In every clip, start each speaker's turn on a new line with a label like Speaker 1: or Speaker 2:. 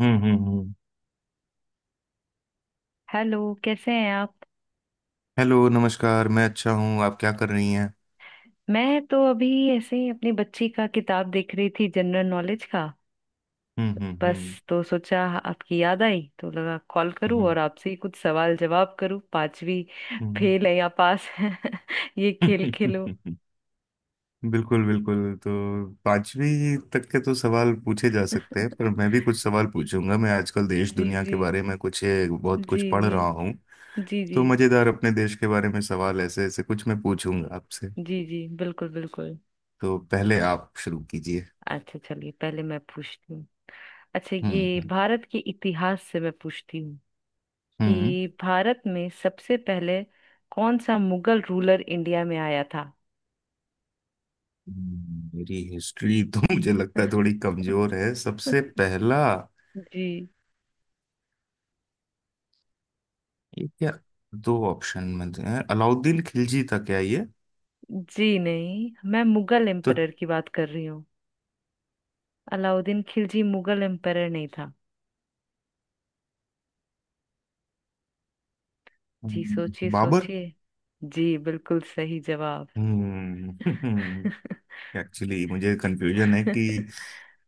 Speaker 1: हम्म हम्म हम्म।
Speaker 2: हेलो, कैसे हैं आप।
Speaker 1: हेलो नमस्कार, मैं अच्छा हूँ। आप क्या कर रही हैं?
Speaker 2: मैं तो अभी ऐसे ही अपनी बच्ची का किताब देख रही थी, जनरल नॉलेज का।
Speaker 1: हम्म हम्म
Speaker 2: बस,
Speaker 1: हम्म
Speaker 2: तो सोचा आपकी याद आई, तो लगा कॉल करूं
Speaker 1: हम्म
Speaker 2: और आपसे ही कुछ सवाल जवाब करूं। पांचवी फेल है या पास है ये खेल खेलो।
Speaker 1: हम्म। बिल्कुल बिल्कुल। तो पांचवी तक के तो सवाल पूछे जा सकते हैं, पर मैं भी कुछ सवाल पूछूंगा। मैं आजकल देश
Speaker 2: जी
Speaker 1: दुनिया के
Speaker 2: जी।
Speaker 1: बारे में कुछ ये बहुत
Speaker 2: जी
Speaker 1: कुछ पढ़
Speaker 2: जी।
Speaker 1: रहा हूँ,
Speaker 2: जी
Speaker 1: तो
Speaker 2: जी।
Speaker 1: मजेदार अपने देश के बारे में सवाल ऐसे ऐसे कुछ मैं पूछूंगा आपसे।
Speaker 2: जी जी। बिल्कुल बिल्कुल।
Speaker 1: तो पहले आप शुरू कीजिए।
Speaker 2: अच्छा, चलिए पहले मैं पूछती हूँ। अच्छा,
Speaker 1: हम्म
Speaker 2: ये
Speaker 1: हम्म
Speaker 2: भारत के इतिहास से मैं पूछती हूँ
Speaker 1: हम्म।
Speaker 2: कि भारत में सबसे पहले कौन सा मुगल रूलर इंडिया में आया था।
Speaker 1: मेरी हिस्ट्री तो मुझे लगता है थोड़ी कमजोर है। सबसे पहला
Speaker 2: जी।
Speaker 1: ये क्या, दो ऑप्शन में हैं? अलाउद्दीन खिलजी था क्या ये?
Speaker 2: जी नहीं, मैं मुगल
Speaker 1: तो
Speaker 2: एम्परर की बात कर रही हूँ। अलाउद्दीन खिलजी मुगल एम्परर नहीं था। जी, सोचिए
Speaker 1: बाबर।
Speaker 2: सोचिए। जी, बिल्कुल सही जवाब।
Speaker 1: हम्म। एक्चुअली मुझे कंफ्यूजन है कि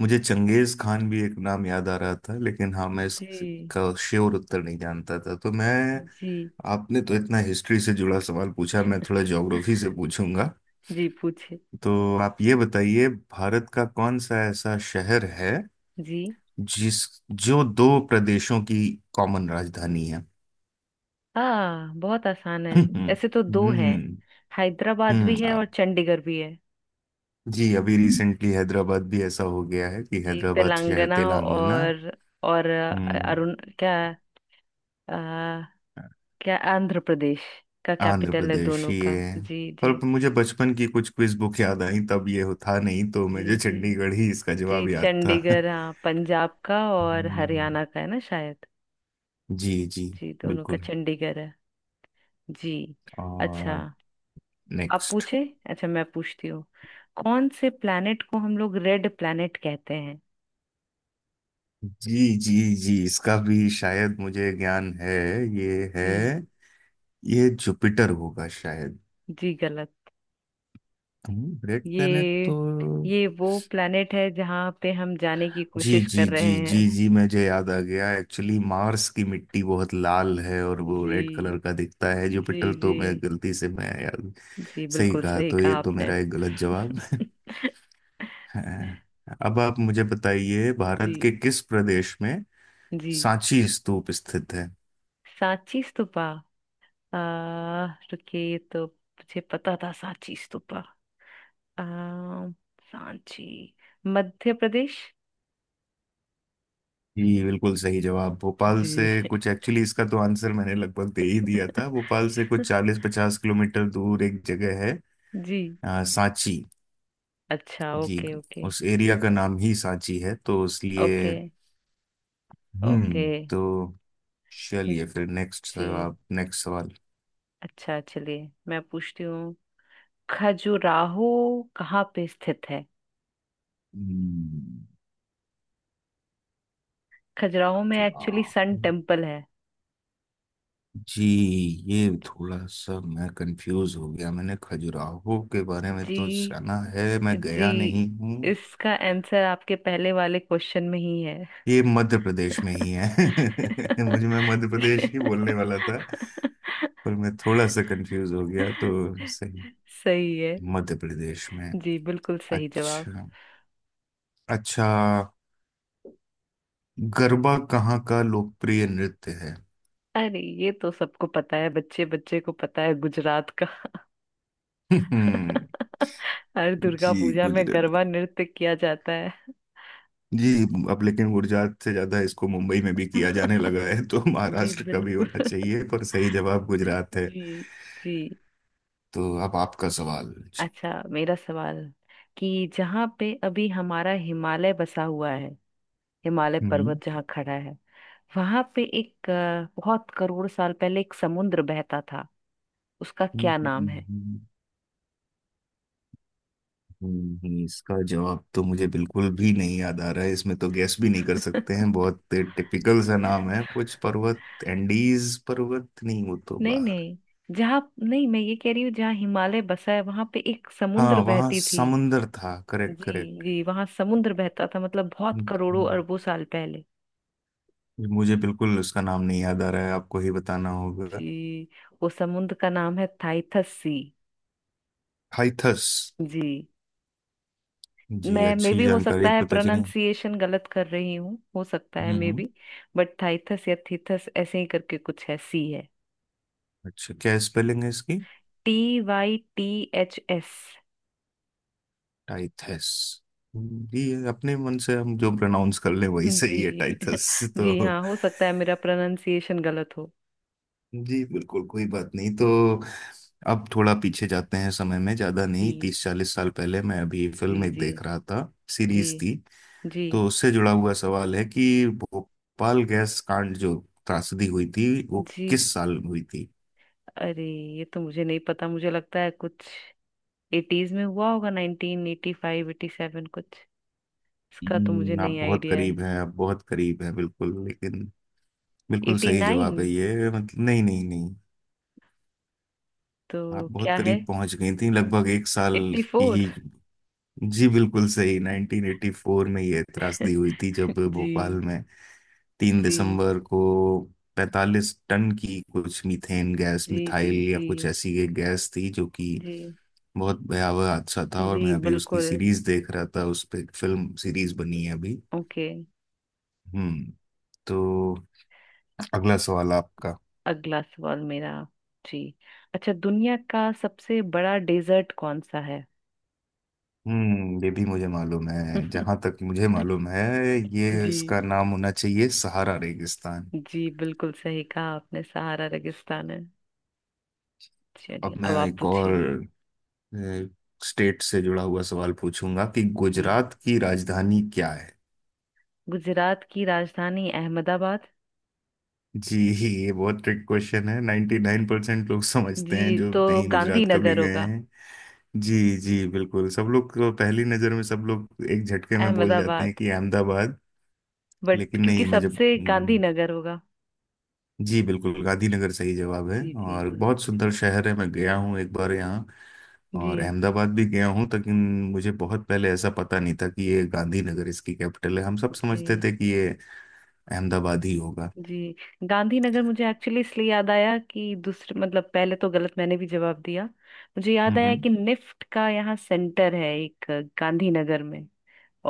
Speaker 1: मुझे चंगेज खान भी एक नाम याद आ रहा था, लेकिन हाँ, मैं
Speaker 2: जी।
Speaker 1: इसका श्योर उत्तर नहीं जानता था, तो मैं।
Speaker 2: जी
Speaker 1: आपने तो इतना हिस्ट्री से जुड़ा सवाल पूछा, मैं थोड़ा ज्योग्राफी से पूछूंगा।
Speaker 2: जी पूछे।
Speaker 1: तो आप ये बताइए, भारत का कौन सा ऐसा शहर है
Speaker 2: जी
Speaker 1: जिस जो दो प्रदेशों की कॉमन राजधानी है?
Speaker 2: हाँ, बहुत आसान है।
Speaker 1: हम्म
Speaker 2: ऐसे तो दो हैं।
Speaker 1: हम्म
Speaker 2: हैदराबाद भी
Speaker 1: हम्म,
Speaker 2: है
Speaker 1: आ-
Speaker 2: और चंडीगढ़ भी है।
Speaker 1: जी अभी रिसेंटली हैदराबाद भी ऐसा हो गया है कि
Speaker 2: जी,
Speaker 1: हैदराबाद शहर
Speaker 2: तेलंगाना
Speaker 1: तेलंगाना।
Speaker 2: और
Speaker 1: हम्म
Speaker 2: अरुण क्या अ, क्या आंध्र प्रदेश का
Speaker 1: आंध्र
Speaker 2: कैपिटल है
Speaker 1: प्रदेश
Speaker 2: दोनों
Speaker 1: ये
Speaker 2: का।
Speaker 1: है,
Speaker 2: जी
Speaker 1: पर
Speaker 2: जी।
Speaker 1: मुझे बचपन की कुछ क्विज बुक याद आई, तब ये था नहीं, तो
Speaker 2: जी
Speaker 1: मुझे
Speaker 2: जी।
Speaker 1: चंडीगढ़ ही इसका
Speaker 2: जी
Speaker 1: जवाब याद था।
Speaker 2: चंडीगढ़, हाँ, पंजाब का और
Speaker 1: हम्म
Speaker 2: हरियाणा का है ना शायद।
Speaker 1: जी जी
Speaker 2: जी, दोनों का
Speaker 1: बिल्कुल।
Speaker 2: चंडीगढ़ है। जी। अच्छा,
Speaker 1: और
Speaker 2: आप
Speaker 1: नेक्स्ट।
Speaker 2: पूछे। अच्छा, मैं पूछती हूँ कौन से प्लैनेट को हम लोग रेड प्लैनेट कहते हैं।
Speaker 1: जी जी जी इसका भी शायद मुझे ज्ञान है, ये है,
Speaker 2: जी।
Speaker 1: ये जुपिटर होगा शायद।
Speaker 2: जी गलत।
Speaker 1: रेड प्लेनेट
Speaker 2: ये
Speaker 1: तो।
Speaker 2: ये वो प्लैनेट है जहाँ पे हम जाने की
Speaker 1: जी
Speaker 2: कोशिश
Speaker 1: जी
Speaker 2: कर
Speaker 1: जी
Speaker 2: रहे
Speaker 1: जी
Speaker 2: हैं।
Speaker 1: जी मुझे याद आ गया, एक्चुअली मार्स की मिट्टी बहुत लाल है और वो
Speaker 2: जी
Speaker 1: रेड कलर का दिखता है,
Speaker 2: जी।
Speaker 1: जुपिटर तो
Speaker 2: जी,
Speaker 1: मैं गलती से मैं याद।
Speaker 2: जी
Speaker 1: सही
Speaker 2: बिल्कुल
Speaker 1: कहा,
Speaker 2: सही
Speaker 1: तो ये
Speaker 2: कहा
Speaker 1: तो
Speaker 2: आपने।
Speaker 1: मेरा एक गलत जवाब है। अब आप मुझे बताइए
Speaker 2: जी
Speaker 1: भारत के किस प्रदेश में
Speaker 2: जी।
Speaker 1: सांची स्तूप स्थित है?
Speaker 2: सांची स्तूपा। आ रुकिए, ये तो मुझे पता था। सांची स्तूपा। आ सांची, मध्य प्रदेश।
Speaker 1: जी बिल्कुल सही जवाब। भोपाल से
Speaker 2: जी।
Speaker 1: कुछ, एक्चुअली इसका तो आंसर मैंने लगभग दे ही दिया था, भोपाल से कुछ 40-50 किलोमीटर दूर एक जगह है,
Speaker 2: जी।
Speaker 1: सांची।
Speaker 2: अच्छा,
Speaker 1: जी,
Speaker 2: ओके ओके।
Speaker 1: उस एरिया का नाम ही सांची है, तो
Speaker 2: ओके
Speaker 1: इसलिए।
Speaker 2: ओके।
Speaker 1: हम्म तो चलिए फिर नेक्स्ट,
Speaker 2: जी।
Speaker 1: आप नेक्स्ट सवाल।
Speaker 2: अच्छा, चलिए मैं पूछती हूँ। खजुराहो कहाँ पे स्थित है।
Speaker 1: हम्म,
Speaker 2: खजुराहो में एक्चुअली
Speaker 1: खजुराहो।
Speaker 2: सन टेम्पल है।
Speaker 1: जी, ये थोड़ा सा मैं कंफ्यूज हो गया, मैंने खजुराहो के बारे में
Speaker 2: जी
Speaker 1: तो सुना है, मैं
Speaker 2: जी।
Speaker 1: गया नहीं हूँ।
Speaker 2: इसका आंसर आपके पहले वाले क्वेश्चन में ही है।
Speaker 1: ये मध्य प्रदेश में ही है। मुझे मैं मध्य प्रदेश ही बोलने वाला था, पर मैं थोड़ा सा कंफ्यूज हो गया, तो सही,
Speaker 2: सही है।
Speaker 1: मध्य प्रदेश में।
Speaker 2: जी, बिल्कुल सही जवाब।
Speaker 1: अच्छा अच्छा, गरबा कहाँ का लोकप्रिय नृत्य है?
Speaker 2: अरे, ये तो सबको पता है, बच्चे बच्चे को पता है, गुजरात का। हर दुर्गा
Speaker 1: जी,
Speaker 2: पूजा में
Speaker 1: गुजरात में।
Speaker 2: गरबा नृत्य किया जाता है।
Speaker 1: जी, अब लेकिन गुजरात से ज्यादा इसको मुंबई में भी किया जाने लगा है, तो
Speaker 2: जी
Speaker 1: महाराष्ट्र का भी
Speaker 2: बिल्कुल।
Speaker 1: होना चाहिए, पर सही जवाब गुजरात है।
Speaker 2: जी। जी।
Speaker 1: तो अब आपका सवाल चाहिए।
Speaker 2: अच्छा, मेरा सवाल कि जहाँ पे अभी हमारा हिमालय बसा हुआ है, हिमालय
Speaker 1: हम्म
Speaker 2: पर्वत जहाँ खड़ा है, वहां पे एक बहुत करोड़ साल पहले एक समुद्र बहता था। उसका क्या नाम है।
Speaker 1: हम्म, इसका जवाब तो मुझे बिल्कुल भी नहीं याद आ रहा है, इसमें तो गैस भी नहीं कर सकते हैं। बहुत टिपिकल सा नाम है कुछ पर्वत, एंडीज पर्वत नहीं, वो तो
Speaker 2: नहीं
Speaker 1: बाहर।
Speaker 2: नहीं, जहाँ नहीं, मैं ये कह रही हूँ जहाँ हिमालय बसा है वहां पे एक समुद्र
Speaker 1: हाँ, वहाँ
Speaker 2: बहती थी।
Speaker 1: समुंदर था, करेक्ट
Speaker 2: जी।
Speaker 1: करेक्ट।
Speaker 2: जी, वहां समुद्र बहता था, मतलब बहुत करोड़ों
Speaker 1: हम्म,
Speaker 2: अरबों साल पहले।
Speaker 1: मुझे बिल्कुल उसका नाम नहीं याद आ रहा है, आपको ही बताना होगा।
Speaker 2: जी, वो समुद्र का नाम है थाइथस सी।
Speaker 1: हाइथस।
Speaker 2: जी,
Speaker 1: जी,
Speaker 2: मैं मे
Speaker 1: अच्छी
Speaker 2: भी हो सकता
Speaker 1: जानकारी
Speaker 2: है
Speaker 1: पता चली।
Speaker 2: प्रोनाउंसिएशन गलत कर रही हूँ, हो सकता है,
Speaker 1: हम्म
Speaker 2: मे
Speaker 1: हम्म।
Speaker 2: बी। बट थाइथस या थीथस ऐसे ही करके कुछ है, सी है।
Speaker 1: अच्छा, क्या स्पेलिंग है इसकी?
Speaker 2: T Y T H S.
Speaker 1: Tethys. जी, ये अपने मन से हम जो प्रोनाउंस कर लें वही सही है,
Speaker 2: जी।
Speaker 1: टाइथस।
Speaker 2: जी
Speaker 1: तो
Speaker 2: हाँ, हो सकता है मेरा प्रोनाउंसिएशन गलत हो।
Speaker 1: जी बिल्कुल, कोई बात नहीं। तो अब थोड़ा पीछे जाते हैं समय में, ज्यादा नहीं,
Speaker 2: जी
Speaker 1: 30-40 साल पहले मैं अभी फिल्म
Speaker 2: जी।
Speaker 1: एक
Speaker 2: जी
Speaker 1: देख रहा था,
Speaker 2: जी।
Speaker 1: सीरीज थी।
Speaker 2: जी
Speaker 1: तो उससे जुड़ा हुआ सवाल है कि भोपाल गैस कांड जो त्रासदी हुई थी, वो
Speaker 2: जी।
Speaker 1: किस साल हुई थी?
Speaker 2: अरे, ये तो मुझे नहीं पता। मुझे लगता है कुछ एटीज में हुआ होगा। Nineteen eighty five, eighty seven कुछ। इसका तो मुझे
Speaker 1: आप
Speaker 2: नहीं
Speaker 1: बहुत
Speaker 2: आइडिया है।
Speaker 1: करीब हैं, आप बहुत करीब हैं बिल्कुल, लेकिन बिल्कुल
Speaker 2: एटी
Speaker 1: सही
Speaker 2: नाइन
Speaker 1: जवाब है ये, मतलब नहीं नहीं नहीं। आप
Speaker 2: तो
Speaker 1: बहुत
Speaker 2: क्या है।
Speaker 1: करीब पहुंच गई थी, लगभग एक साल
Speaker 2: एट्टी
Speaker 1: की
Speaker 2: फोर।
Speaker 1: ही। जी बिल्कुल सही, 1984 में ये त्रासदी हुई थी, जब
Speaker 2: जी।
Speaker 1: भोपाल में 3
Speaker 2: जी
Speaker 1: दिसंबर को 45 टन की कुछ मीथेन गैस,
Speaker 2: जी। जी
Speaker 1: मिथाइल या
Speaker 2: जी।
Speaker 1: कुछ ऐसी एक गैस थी जो कि
Speaker 2: जी
Speaker 1: बहुत भयावह हादसा था। और
Speaker 2: जी
Speaker 1: मैं अभी उसकी
Speaker 2: बिल्कुल।
Speaker 1: सीरीज देख रहा था, उस पर फिल्म सीरीज बनी है अभी।
Speaker 2: ओके।
Speaker 1: हम्म। तो अगला सवाल आपका।
Speaker 2: अगला सवाल मेरा। जी। अच्छा, दुनिया का सबसे बड़ा डेजर्ट कौन सा है।
Speaker 1: ये भी मुझे मालूम है, जहां तक मुझे मालूम है ये
Speaker 2: जी।
Speaker 1: इसका नाम होना चाहिए सहारा रेगिस्तान।
Speaker 2: जी, बिल्कुल सही कहा आपने, सहारा रेगिस्तान है। चलिए,
Speaker 1: अब
Speaker 2: अब
Speaker 1: मैं
Speaker 2: आप
Speaker 1: एक और
Speaker 2: पूछिए।
Speaker 1: स्टेट से जुड़ा हुआ सवाल पूछूंगा कि
Speaker 2: जी,
Speaker 1: गुजरात की राजधानी क्या है?
Speaker 2: गुजरात की राजधानी अहमदाबाद।
Speaker 1: जी, ये बहुत ट्रिक क्वेश्चन है, 99% नाइन परसेंट लोग समझते हैं
Speaker 2: जी,
Speaker 1: जो
Speaker 2: तो
Speaker 1: नहीं गुजरात कभी
Speaker 2: गांधीनगर
Speaker 1: गए
Speaker 2: होगा।
Speaker 1: हैं। जी जी बिल्कुल, सब लोग को पहली नज़र में सब लोग एक झटके में बोल जाते
Speaker 2: अहमदाबाद,
Speaker 1: हैं कि अहमदाबाद।
Speaker 2: बट
Speaker 1: लेकिन
Speaker 2: क्योंकि
Speaker 1: नहीं। मैं जब
Speaker 2: सबसे गांधीनगर होगा।
Speaker 1: जी बिल्कुल, गांधीनगर सही जवाब है,
Speaker 2: जी जी।
Speaker 1: और
Speaker 2: जी
Speaker 1: बहुत सुंदर शहर है, मैं गया हूँ एक बार यहाँ,
Speaker 2: जी।
Speaker 1: और अहमदाबाद भी गया हूँ, लेकिन मुझे बहुत पहले ऐसा पता नहीं था कि ये गांधीनगर इसकी कैपिटल है। हम सब समझते
Speaker 2: जी
Speaker 1: थे कि ये अहमदाबाद ही होगा।
Speaker 2: जी। गांधीनगर मुझे एक्चुअली इसलिए याद आया कि दूसरे, मतलब पहले तो गलत मैंने भी जवाब दिया। मुझे याद
Speaker 1: हम्म
Speaker 2: आया
Speaker 1: हम्म,
Speaker 2: कि निफ्ट का यहाँ सेंटर है एक, गांधीनगर में।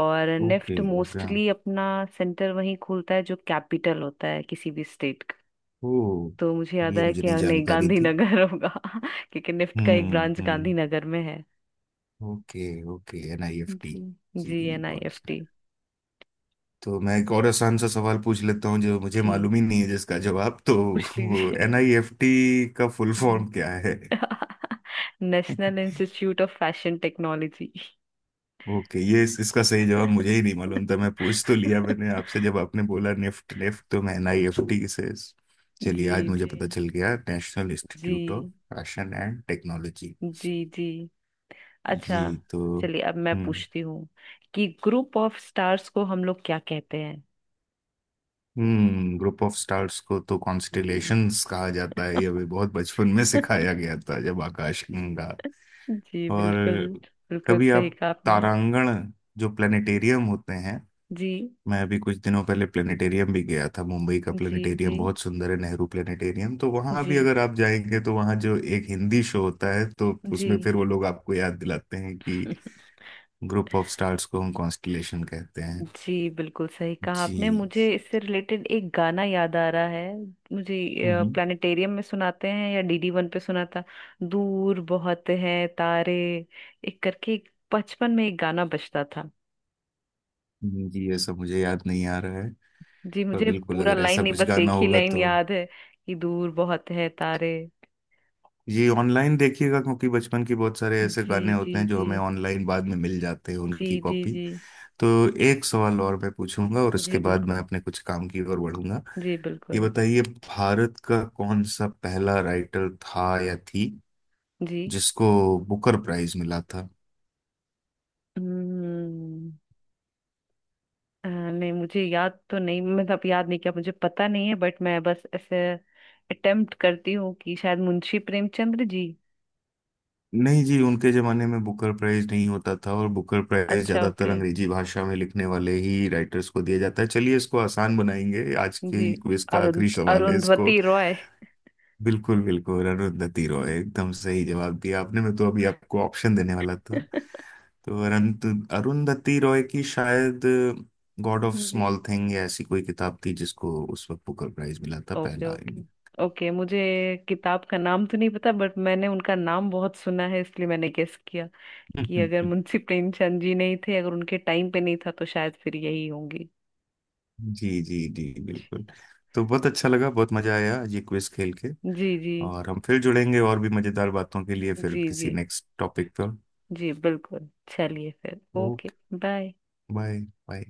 Speaker 2: और
Speaker 1: ओके
Speaker 2: निफ्ट
Speaker 1: ओके हाँ।
Speaker 2: मोस्टली अपना सेंटर वहीं खोलता है जो कैपिटल होता है किसी भी स्टेट का।
Speaker 1: ओ,
Speaker 2: तो मुझे याद
Speaker 1: ये
Speaker 2: आया
Speaker 1: मुझे
Speaker 2: कि
Speaker 1: नहीं
Speaker 2: हाँ, नहीं
Speaker 1: जानकारी थी।
Speaker 2: गांधीनगर होगा। क्योंकि निफ्ट का एक
Speaker 1: हम्म
Speaker 2: ब्रांच
Speaker 1: हम्म
Speaker 2: गांधीनगर में है।
Speaker 1: Okay okay. N I F T.
Speaker 2: जी जी,
Speaker 1: जी
Speaker 2: एन आई
Speaker 1: बहुत।
Speaker 2: F T.
Speaker 1: तो मैं एक और आसान सा सवाल पूछ लेता हूँ जो मुझे
Speaker 2: जी,
Speaker 1: मालूम ही नहीं है जिसका जवाब तो,
Speaker 2: पूछ
Speaker 1: वो
Speaker 2: लीजिए।
Speaker 1: एनआईएफटी का फुल
Speaker 2: जी।
Speaker 1: फॉर्म क्या है?
Speaker 2: National institute of fashion technology.
Speaker 1: Okay, ये इसका सही जवाब मुझे ही नहीं मालूम था, मैं पूछ तो लिया मैंने आपसे, जब आपने बोला निफ्ट निफ्ट तो मैं एनआईएफटी से। चलिए,
Speaker 2: जी
Speaker 1: आज मुझे
Speaker 2: जी।
Speaker 1: पता चल गया, नेशनल इंस्टीट्यूट ऑफ
Speaker 2: जी
Speaker 1: फैशन एंड टेक्नोलॉजी।
Speaker 2: जी। जी।
Speaker 1: जी,
Speaker 2: अच्छा,
Speaker 1: तो
Speaker 2: चलिए अब मैं
Speaker 1: हम्म।
Speaker 2: पूछती हूँ कि ग्रुप ऑफ स्टार्स को हम लोग क्या कहते हैं।
Speaker 1: ग्रुप ऑफ स्टार्स को तो
Speaker 2: जी।
Speaker 1: कॉन्स्टिलेशंस कहा जाता है, ये भी बहुत बचपन में सिखाया गया था, जब आकाशगंगा
Speaker 2: जी बिल्कुल।
Speaker 1: और
Speaker 2: बिल्कुल
Speaker 1: कभी
Speaker 2: सही
Speaker 1: आप
Speaker 2: कहा आपने।
Speaker 1: तारांगण, जो प्लेनेटेरियम होते हैं,
Speaker 2: जी
Speaker 1: मैं अभी कुछ दिनों पहले प्लेनेटेरियम भी गया था, मुंबई का
Speaker 2: जी। जी
Speaker 1: प्लेनेटेरियम बहुत सुंदर है, नेहरू प्लेनेटेरियम। तो वहां
Speaker 2: जी।
Speaker 1: भी अगर आप जाएंगे तो वहां जो एक हिंदी शो होता है, तो
Speaker 2: जी।
Speaker 1: उसमें फिर वो लोग आपको याद दिलाते हैं कि ग्रुप ऑफ स्टार्स को हम कॉन्स्टिलेशन कहते हैं।
Speaker 2: जी, बिल्कुल सही कहा आपने।
Speaker 1: जी।
Speaker 2: मुझे इससे रिलेटेड एक गाना याद आ रहा है। मुझे
Speaker 1: हम्म
Speaker 2: प्लानिटेरियम में सुनाते हैं या डीडी वन पे सुना था। दूर बहुत है तारे, एक करके एक, बचपन में एक गाना बजता था।
Speaker 1: जी ये सब मुझे याद नहीं आ रहा है,
Speaker 2: जी,
Speaker 1: पर
Speaker 2: मुझे
Speaker 1: बिल्कुल
Speaker 2: पूरा
Speaker 1: अगर
Speaker 2: लाइन
Speaker 1: ऐसा
Speaker 2: नहीं,
Speaker 1: कुछ
Speaker 2: बस
Speaker 1: गाना
Speaker 2: एक ही
Speaker 1: होगा
Speaker 2: लाइन
Speaker 1: तो
Speaker 2: याद है कि दूर बहुत है तारे।
Speaker 1: ये ऑनलाइन देखिएगा, क्योंकि बचपन के बहुत सारे ऐसे
Speaker 2: जी
Speaker 1: गाने
Speaker 2: जी।
Speaker 1: होते हैं जो
Speaker 2: जी
Speaker 1: हमें ऑनलाइन बाद में मिल जाते हैं,
Speaker 2: जी।
Speaker 1: उनकी
Speaker 2: जी
Speaker 1: कॉपी।
Speaker 2: जी।
Speaker 1: तो एक सवाल और मैं पूछूंगा, और उसके
Speaker 2: जी
Speaker 1: बाद मैं
Speaker 2: बिल्कुल।
Speaker 1: अपने कुछ काम की ओर बढ़ूंगा।
Speaker 2: जी
Speaker 1: ये
Speaker 2: बिल्कुल।
Speaker 1: बताइए, भारत का कौन सा पहला राइटर था या थी
Speaker 2: जी
Speaker 1: जिसको बुकर प्राइज मिला था?
Speaker 2: हम्म नहीं, मुझे याद तो नहीं, मतलब याद नहीं किया, मुझे पता नहीं है। बट मैं बस ऐसे अटेम्प्ट करती हूँ कि शायद मुंशी प्रेमचंद्र जी।
Speaker 1: नहीं जी, उनके जमाने में बुकर प्राइज नहीं होता था, और बुकर प्राइज
Speaker 2: अच्छा,
Speaker 1: ज्यादातर
Speaker 2: ओके।
Speaker 1: अंग्रेजी भाषा में लिखने वाले ही राइटर्स को दिया जाता है। चलिए, इसको आसान बनाएंगे, आज
Speaker 2: जी।
Speaker 1: की क्विज का
Speaker 2: अरुण
Speaker 1: आखिरी सवाल है इसको।
Speaker 2: अरुंधवती रॉय।
Speaker 1: बिल्कुल बिल्कुल, अरुंधति रॉय, एकदम सही जवाब दिया आपने, मैं तो अभी आपको ऑप्शन देने वाला था। तो अरंत अरुंधति रॉय की शायद गॉड ऑफ स्मॉल
Speaker 2: जी।
Speaker 1: थिंग या ऐसी कोई किताब थी जिसको उस वक्त बुकर प्राइज मिला था,
Speaker 2: ओके
Speaker 1: पहला।
Speaker 2: ओके। ओके, मुझे किताब का नाम तो नहीं पता, बट मैंने उनका नाम बहुत सुना है, इसलिए मैंने गेस किया कि अगर मुंशी प्रेमचंद जी नहीं थे, अगर उनके टाइम पे नहीं था, तो शायद फिर यही होंगी।
Speaker 1: जी जी जी
Speaker 2: जी।
Speaker 1: बिल्कुल। तो बहुत अच्छा लगा, बहुत मजा आया ये क्विज खेल के,
Speaker 2: जी जी।
Speaker 1: और हम फिर जुड़ेंगे और भी मजेदार बातों के लिए फिर
Speaker 2: जी
Speaker 1: किसी
Speaker 2: जी।
Speaker 1: नेक्स्ट टॉपिक पर।
Speaker 2: जी बिल्कुल। चलिए फिर, okay.
Speaker 1: Okay.
Speaker 2: Bye.
Speaker 1: Bye. Bye.